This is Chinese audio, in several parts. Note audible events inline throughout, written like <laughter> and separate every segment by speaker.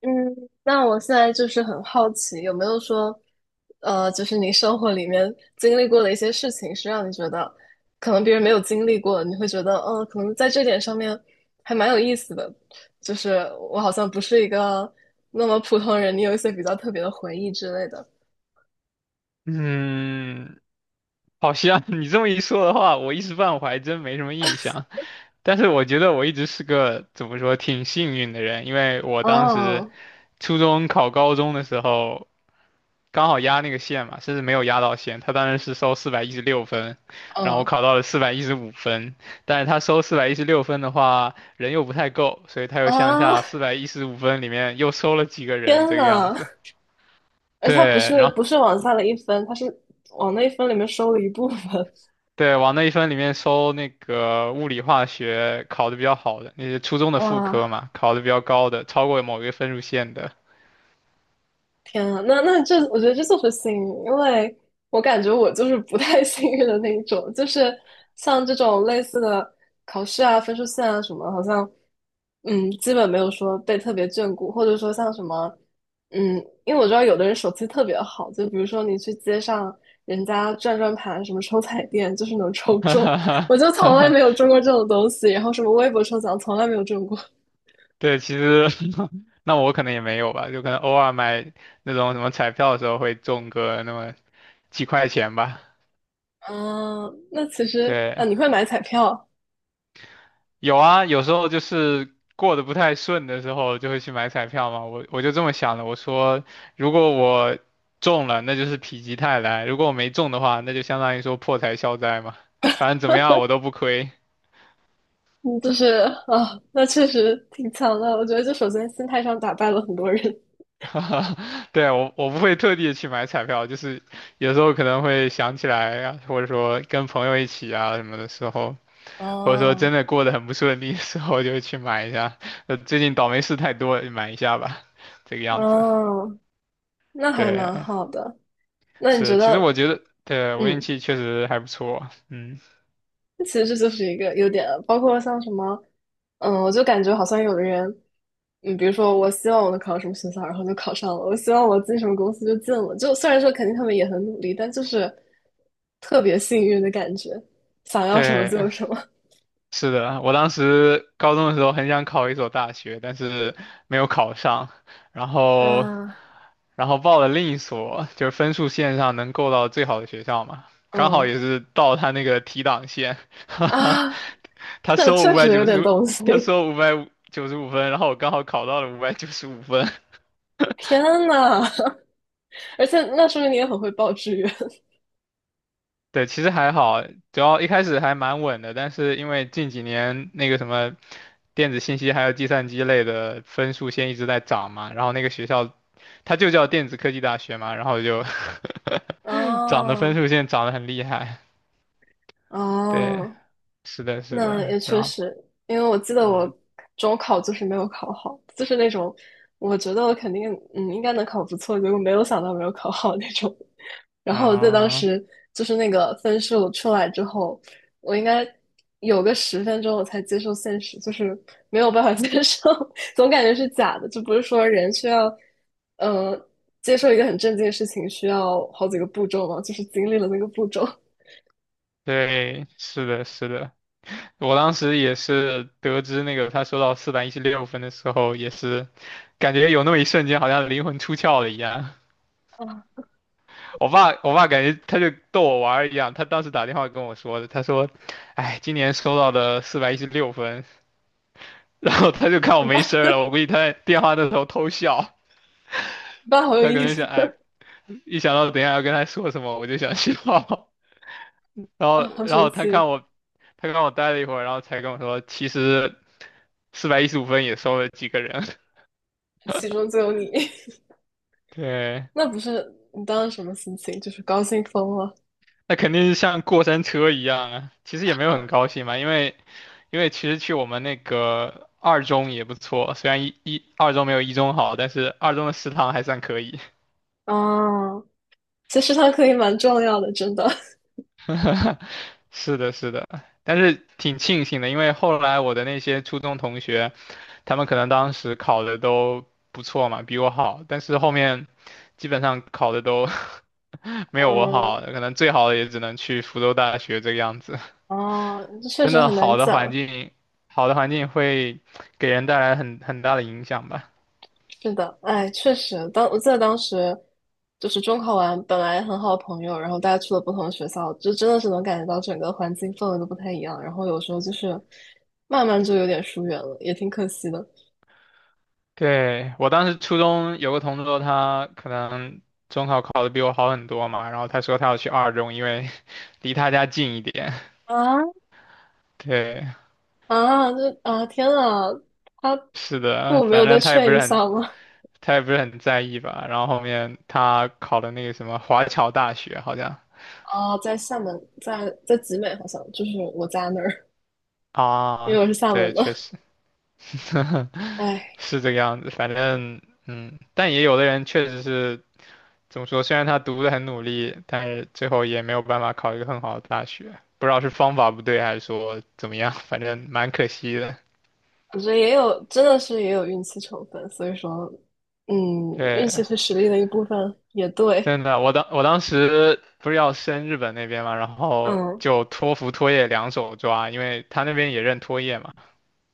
Speaker 1: 嗯，那我现在就是很好奇，有没有说，就是你生活里面经历过的一些事情，是让你觉得可能别人没有经历过，你会觉得，可能在这点上面还蛮有意思的，就是我好像不是一个那么普通人，你有一些比较特别的回忆之类的。
Speaker 2: 嗯，好像 <laughs> 你这么一说的话，我一时半会儿还真没什么印象。但是我觉得我一直是个怎么说挺幸运的人，因为我当时
Speaker 1: 哦，
Speaker 2: 初中考高中的时候，刚好压那个线嘛，甚至没有压到线。他当时是收四百一十六分，然后我
Speaker 1: 嗯
Speaker 2: 考到了四百一十五分，但是他收四百一十六分的话，人又不太够，所以他又向
Speaker 1: 啊，
Speaker 2: 下四百一十五分里面又收了几个
Speaker 1: <laughs>
Speaker 2: 人
Speaker 1: 天
Speaker 2: 这个样
Speaker 1: 呐，
Speaker 2: 子。
Speaker 1: 而且它不
Speaker 2: 对，
Speaker 1: 是
Speaker 2: 然后。
Speaker 1: 不是往下了一分，它是往那一分里面收了一部分。
Speaker 2: 对，往那一分里面收那个物理化学考的比较好的，那些初中的副
Speaker 1: 哇，
Speaker 2: 科嘛，考的比较高的，超过某一个分数线的。
Speaker 1: 天啊，那这，我觉得这就是幸运，因为我感觉我就是不太 <laughs> 幸运的那一种，就是像这种类似的考试啊、分数线啊什么，好像，基本没有说被特别眷顾，或者说像什么嗯，因为我知道有的人手气特别好，就比如说你去街上人家转转盘，什么抽彩电，就是能抽中，我就从来没有中
Speaker 2: <laughs>
Speaker 1: 过这种东西，然后什么微博抽奖从来没有中过。
Speaker 2: 对，其实 <laughs> 那我可能也没有吧，就可能偶尔买那种什么彩票的时候会中个那么几块钱吧。
Speaker 1: 嗯，那其实啊，
Speaker 2: 对，
Speaker 1: 你会买彩票。
Speaker 2: 有啊，有时候就是过得不太顺的时候，就会去买彩票嘛。我就这么想的，我说如果我中了，那就是否极泰来；如果我没中的话，那就相当于说破财消灾嘛。反正怎么样我都不亏。
Speaker 1: 嗯，就是啊，那确实挺强的。我觉得，就首先心态上打败了很多人。
Speaker 2: <laughs> 对啊，我不会特地去买彩票，就是有时候可能会想起来啊，或者说跟朋友一起啊什么的时候，
Speaker 1: <laughs>
Speaker 2: 或者说
Speaker 1: 哦，
Speaker 2: 真的过得很不顺利的时候，就会去买一下。最近倒霉事太多了，买一下吧，这个样子。
Speaker 1: 哦，那还
Speaker 2: 对。
Speaker 1: 蛮好的。那你觉
Speaker 2: 是，其实我
Speaker 1: 得，
Speaker 2: 觉得，对，我运
Speaker 1: 嗯，
Speaker 2: 气确实还不错。嗯，
Speaker 1: 其实这就是一个优点了，包括像什么，我就感觉好像有的人。比如说我希望我能考上什么学校，然后就考上了；我希望我进什么公司就进了。就虽然说肯定他们也很努力，但就是特别幸运的感觉，想要什么就
Speaker 2: 对，
Speaker 1: 有什么。
Speaker 2: 是的，我当时高中的时候很想考一所大学，但是没有考上，然后，
Speaker 1: 啊，
Speaker 2: 然后报了另一所，就是分数线上能够到最好的学校嘛，
Speaker 1: <laughs>
Speaker 2: 刚好
Speaker 1: 嗯
Speaker 2: 也是到他那个提档线，<laughs> 哈
Speaker 1: 啊，
Speaker 2: 哈，
Speaker 1: <laughs> <laughs>
Speaker 2: 他
Speaker 1: 那
Speaker 2: 收五
Speaker 1: 确
Speaker 2: 百
Speaker 1: 实有
Speaker 2: 九
Speaker 1: 点
Speaker 2: 十，
Speaker 1: 东西。
Speaker 2: 他收五百九十五分，然后我刚好考到了五百九十五分。<laughs>
Speaker 1: 天呐，<laughs> 而且那说明你也很会报志愿。
Speaker 2: 对，其实还好，主要一开始还蛮稳的，但是因为近几年那个什么电子信息还有计算机类的分数线一直在涨嘛，然后那个学校它就叫电子科技大学嘛，然后就 <laughs> 涨的分
Speaker 1: 哦
Speaker 2: 数线涨得很厉害。对，
Speaker 1: 哦，
Speaker 2: 是的，是
Speaker 1: 那
Speaker 2: 的，
Speaker 1: 也
Speaker 2: 然
Speaker 1: 确
Speaker 2: 后
Speaker 1: 实，因为我记得我
Speaker 2: 嗯
Speaker 1: 中考就是没有考好，就是那种我觉得我肯定应该能考不错，结果没有想到没有考好那种。然后我在当
Speaker 2: 啊，
Speaker 1: 时就是那个分数出来之后，我应该有个十分钟我才接受现实，就是没有办法 <laughs> 接受，<laughs> 总感觉是假的，就不是说人需要嗯、呃接受一个很正经的事情需要好几个步骤嘛，就是经历了那个步骤
Speaker 2: 对，是的，是的，我当时也是得知那个他收到四百一十六分的时候，也是感觉有那么一瞬间好像灵魂出窍了一样。
Speaker 1: 啊。
Speaker 2: 我爸感觉他就逗我玩儿一样，他当时打电话跟我说的，他说：“哎，今年收到的四百一十六分。<laughs>” 然后他就看我
Speaker 1: 明
Speaker 2: 没
Speaker 1: 白，
Speaker 2: 声儿了，我估计他在电话那头偷笑，
Speaker 1: <laughs> 明白，好有
Speaker 2: 他可
Speaker 1: 意
Speaker 2: 能
Speaker 1: 思
Speaker 2: 想，哎，一想到等一下要跟他说什么，我就想笑。<laughs> 然后，
Speaker 1: 啊，好
Speaker 2: 然
Speaker 1: 神
Speaker 2: 后他
Speaker 1: 奇。
Speaker 2: 看我，他看我待了一会儿，然后才跟我说，其实四百一十五分也收了几个人。<laughs>
Speaker 1: 其中就有你，
Speaker 2: 对，
Speaker 1: <laughs> 那不是你当时什么心情？就是高兴疯了。
Speaker 2: 那肯定是像过山车一样啊。其实也没有很高兴嘛，因为其实去我们那个二中也不错，虽然二中没有一中好，但是二中的食堂还算可以。
Speaker 1: 啊！其实他可以蛮重要的，真的。
Speaker 2: <laughs> 是的，是的，但是挺庆幸的，因为后来我的那些初中同学，他们可能当时考的都不错嘛，比我好，但是后面基本上考的都 <laughs> 没有我好，
Speaker 1: 嗯，
Speaker 2: 可能最好的也只能去福州大学这个样子。
Speaker 1: 哦啊，这确
Speaker 2: 真
Speaker 1: 实
Speaker 2: 的
Speaker 1: 很难
Speaker 2: 好的环
Speaker 1: 讲。
Speaker 2: 境，好的环境会给人带来很大的影响吧。
Speaker 1: 是的，哎，确实，当我记得当时就是中考完，本来很好的朋友，然后大家去了不同的学校，就真的是能感觉到整个环境氛围都不太一样。然后有时候就是慢慢就有点疏远了，也挺可惜的。
Speaker 2: 对，我当时初中有个同桌，他可能中考考的比我好很多嘛，然后他说他要去二中，因为 <laughs> 离他家近一点。
Speaker 1: 啊
Speaker 2: 对，
Speaker 1: 啊，这啊，天啊，他
Speaker 2: 是
Speaker 1: 父
Speaker 2: 的，
Speaker 1: 母没有
Speaker 2: 反
Speaker 1: 再
Speaker 2: 正他也不
Speaker 1: 劝一
Speaker 2: 是很，
Speaker 1: 下吗？
Speaker 2: 他也不是很在意吧。然后后面他考的那个什么华侨大学，好像
Speaker 1: 哦，在厦门，在集美好像就是我家那儿，因为
Speaker 2: 啊，
Speaker 1: 我是厦门
Speaker 2: 对，确
Speaker 1: 的。
Speaker 2: 实 <laughs>
Speaker 1: 哎，
Speaker 2: 是这个样子。反正嗯，但也有的人确实是。怎么说？虽然他读的很努力，但是最后也没有办法考一个很好的大学，不知道是方法不对还是说怎么样，反正蛮可惜的。
Speaker 1: 我觉得也有，真的是也有运气成分，所以说，嗯，运气
Speaker 2: 对，
Speaker 1: 是实力的一部分，也对。
Speaker 2: 真的，我当时不是要升日本那边嘛，然后
Speaker 1: 嗯
Speaker 2: 就托福、托业两手抓，因为他那边也认托业嘛。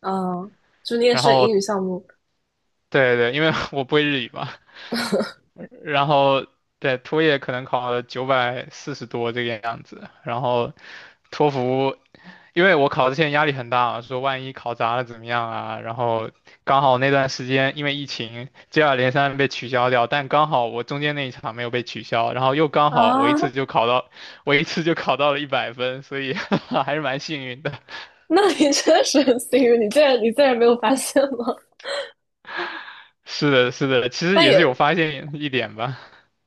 Speaker 1: 嗯，就你也
Speaker 2: 然
Speaker 1: 是英语
Speaker 2: 后
Speaker 1: 项目。
Speaker 2: 对对，因为 <laughs> 我不会日语嘛，然后对托业可能考了940多这个样子，然后托福因为我考之前压力很大，说万一考砸了怎么样啊？然后刚好那段时间因为疫情接二连三被取消掉，但刚好我中间那一场没有被取消，然后又刚
Speaker 1: <laughs>
Speaker 2: 好我一次
Speaker 1: 啊？
Speaker 2: 就考到，我一次就考到了100分，所以 <laughs> 还是蛮幸运的。<laughs>
Speaker 1: 那你确实很幸运，你竟然没有发现吗？
Speaker 2: 是的，是的，其实
Speaker 1: 但
Speaker 2: 也是有
Speaker 1: 也
Speaker 2: 发现一点吧。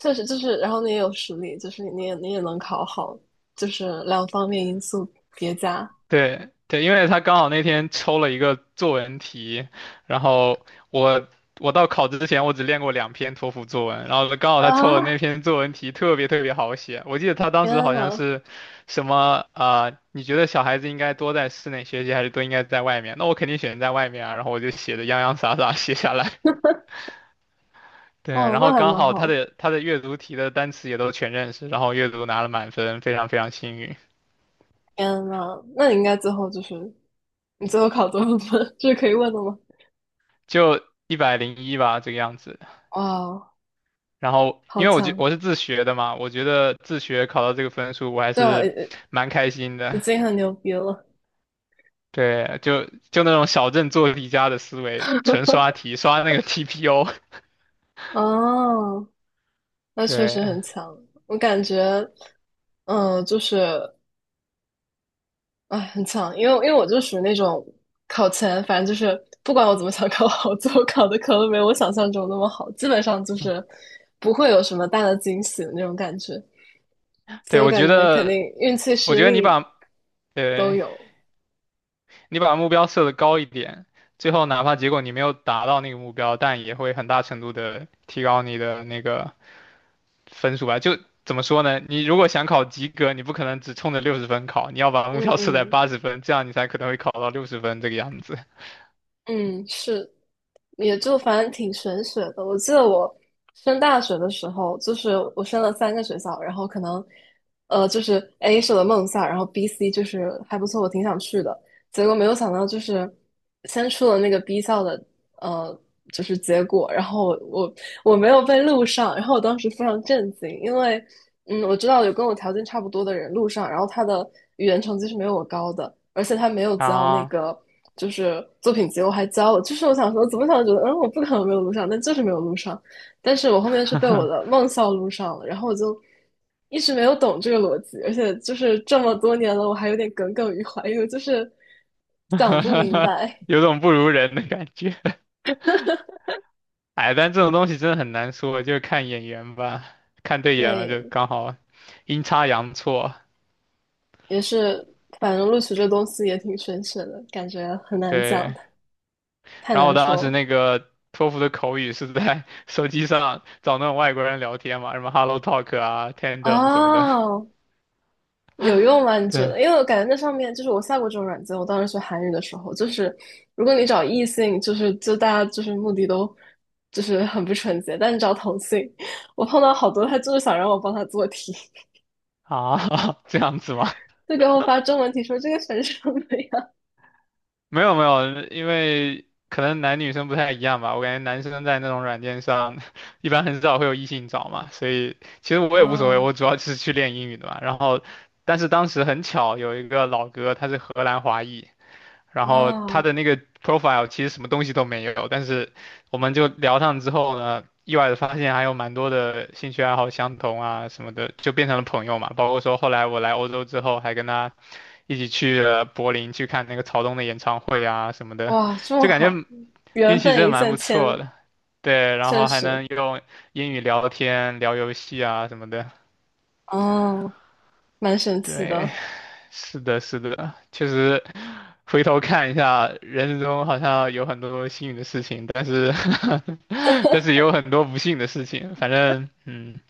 Speaker 1: 确实就是，然后你也有实力，就是你也能考好，就是两方面因素叠加。
Speaker 2: 对对，因为他刚好那天抽了一个作文题，然后我我到考之前我只练过两篇托福作文，然后刚好他抽的那
Speaker 1: 啊！
Speaker 2: 篇作文题特别特别好写，我记得他当时
Speaker 1: 天
Speaker 2: 好像
Speaker 1: 呐！
Speaker 2: 是什么你觉得小孩子应该多在室内学习还是多应该在外面？那我肯定选在外面啊，然后我就写的洋洋洒洒写下来。<laughs> 对，
Speaker 1: 哇，
Speaker 2: 然
Speaker 1: 那
Speaker 2: 后
Speaker 1: 还
Speaker 2: 刚
Speaker 1: 蛮
Speaker 2: 好他
Speaker 1: 好。
Speaker 2: 的他的阅读题的单词也都全认识，然后阅读拿了满分，非常非常幸运，
Speaker 1: 天呐，那你应该最后就是你最后考多少分？<laughs> 这是可以问的吗？
Speaker 2: 就101吧这个样子。
Speaker 1: 哇，
Speaker 2: 然后，
Speaker 1: 好
Speaker 2: 因为我觉
Speaker 1: 强！
Speaker 2: 我是自学的嘛，我觉得自学考到这个分数，我还
Speaker 1: 对啊，已
Speaker 2: 是蛮开心
Speaker 1: 已
Speaker 2: 的。
Speaker 1: 经很牛逼了。
Speaker 2: 对，就那种小镇做题家的思维，纯刷题，刷那个 TPO。
Speaker 1: 哦，
Speaker 2: <laughs>
Speaker 1: 那确
Speaker 2: 对，
Speaker 1: 实很强。我感觉，嗯，就是哎，很强。因为我就属于那种考前，反正就是不管我怎么想考好，<laughs> 最后考的可能没有我想象中那么好，基本上就是不会有什么大的惊喜的那种感觉。所
Speaker 2: 对，
Speaker 1: 以我
Speaker 2: 我
Speaker 1: 感
Speaker 2: 觉
Speaker 1: 觉肯定
Speaker 2: 得，
Speaker 1: 运气、
Speaker 2: 我
Speaker 1: 实
Speaker 2: 觉得你
Speaker 1: 力
Speaker 2: 把，
Speaker 1: 都
Speaker 2: 对，
Speaker 1: 有。
Speaker 2: 你把目标设的高一点，最后哪怕结果你没有达到那个目标，但也会很大程度的提高你的那个分数吧。就怎么说呢？你如果想考及格，你不可能只冲着六十分考，你要把目
Speaker 1: 嗯
Speaker 2: 标设在
Speaker 1: 嗯
Speaker 2: 80分，这样你才可能会考到六十分这个样子
Speaker 1: 嗯，是，也就反正挺玄学的。我记得我升大学的时候，就是我升了三个学校，然后可能，就是 A 是我的梦校，然后 B、C 就是还不错，我挺想去的。结果没有想到，就是先出了那个 B 校的呃，就是结果，然后我没有被录上，然后我当时非常震惊，因为我知道有跟我条件差不多的人录上，然后他的语言成绩是没有我高的，而且他没有交那
Speaker 2: 啊。
Speaker 1: 个就是作品集，我还交了，就是我想说怎么想觉得我不可能没有录上，但就是没有录上，但是我后面是被我的梦校录上了，然后我就一直没有懂这个逻辑，而且就是这么多年了，我还有点耿耿于怀，因为就是想不明
Speaker 2: <laughs>
Speaker 1: 白。
Speaker 2: 有种不如人的感觉。<laughs> 哎，但这种东西真的很难说，就看眼缘吧，看对眼了就
Speaker 1: 对，
Speaker 2: 刚好阴差阳错。
Speaker 1: 也是，反正录取这东西也挺玄学的，感觉很难讲，
Speaker 2: 对，
Speaker 1: 太
Speaker 2: 然后我
Speaker 1: 难
Speaker 2: 当
Speaker 1: 说
Speaker 2: 时
Speaker 1: 了。
Speaker 2: 那个托福的口语是在手机上找那种外国人聊天嘛，什么 Hello Talk 啊、Tandem 什么的。
Speaker 1: 哦，有用吗？你觉
Speaker 2: 对，
Speaker 1: 得？因为我感觉那上面就是我下过这种软件，我当时学韩语的时候，就是如果你找异性，就是就大家就是目的都就是很不纯洁，但你找同性，我碰到好多他就是想让我帮他做题，
Speaker 2: 啊，<laughs> 这样子吗？
Speaker 1: 就给我发中文题说这个选什么呀？
Speaker 2: 没有没有，因为可能男女生不太一样吧。我感觉男生在那种软件上，<laughs> 一般很少会有异性找嘛，所以其实我也无所谓，
Speaker 1: 啊
Speaker 2: 我主要就是去练英语的嘛。然后，但是当时很巧，有一个老哥他是荷兰华裔，然后他
Speaker 1: 啊，
Speaker 2: 的那个 profile 其实什么东西都没有，但是我们就聊上之后呢，意外的发现还有蛮多的兴趣爱好相同啊什么的，就变成了朋友嘛。包括说后来我来欧洲之后，还跟他。一起去了柏林去看那个曹东的演唱会啊什么的，
Speaker 1: 哇，这么
Speaker 2: 就感觉
Speaker 1: 好，
Speaker 2: 运
Speaker 1: 缘
Speaker 2: 气真
Speaker 1: 分
Speaker 2: 的
Speaker 1: 一
Speaker 2: 蛮
Speaker 1: 线
Speaker 2: 不错
Speaker 1: 牵，
Speaker 2: 的。对，然
Speaker 1: 确
Speaker 2: 后还
Speaker 1: 实，
Speaker 2: 能用英语聊天、聊游戏啊什么的。
Speaker 1: 哦。蛮神奇
Speaker 2: 对，
Speaker 1: 的。
Speaker 2: 是的，是的，确实，回头看一下，人生中好像有很多幸运的事情，但是，<laughs> 但是也有很多不幸的事情。反正，嗯，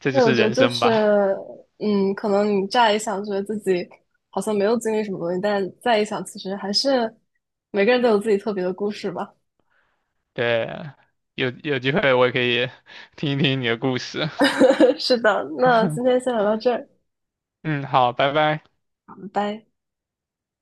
Speaker 2: 这就
Speaker 1: 对，我
Speaker 2: 是
Speaker 1: 觉得
Speaker 2: 人
Speaker 1: 就
Speaker 2: 生吧。
Speaker 1: 是，可能你乍一想觉得自己好像没有经历什么东西，但再一想，其实还是每个人都有自己特别的故事吧。
Speaker 2: 对，有有机会我也可以听一听你的故事。
Speaker 1: <laughs> 是的，那今
Speaker 2: <laughs>
Speaker 1: 天先聊到这儿，
Speaker 2: 嗯，好，拜拜。
Speaker 1: 拜拜。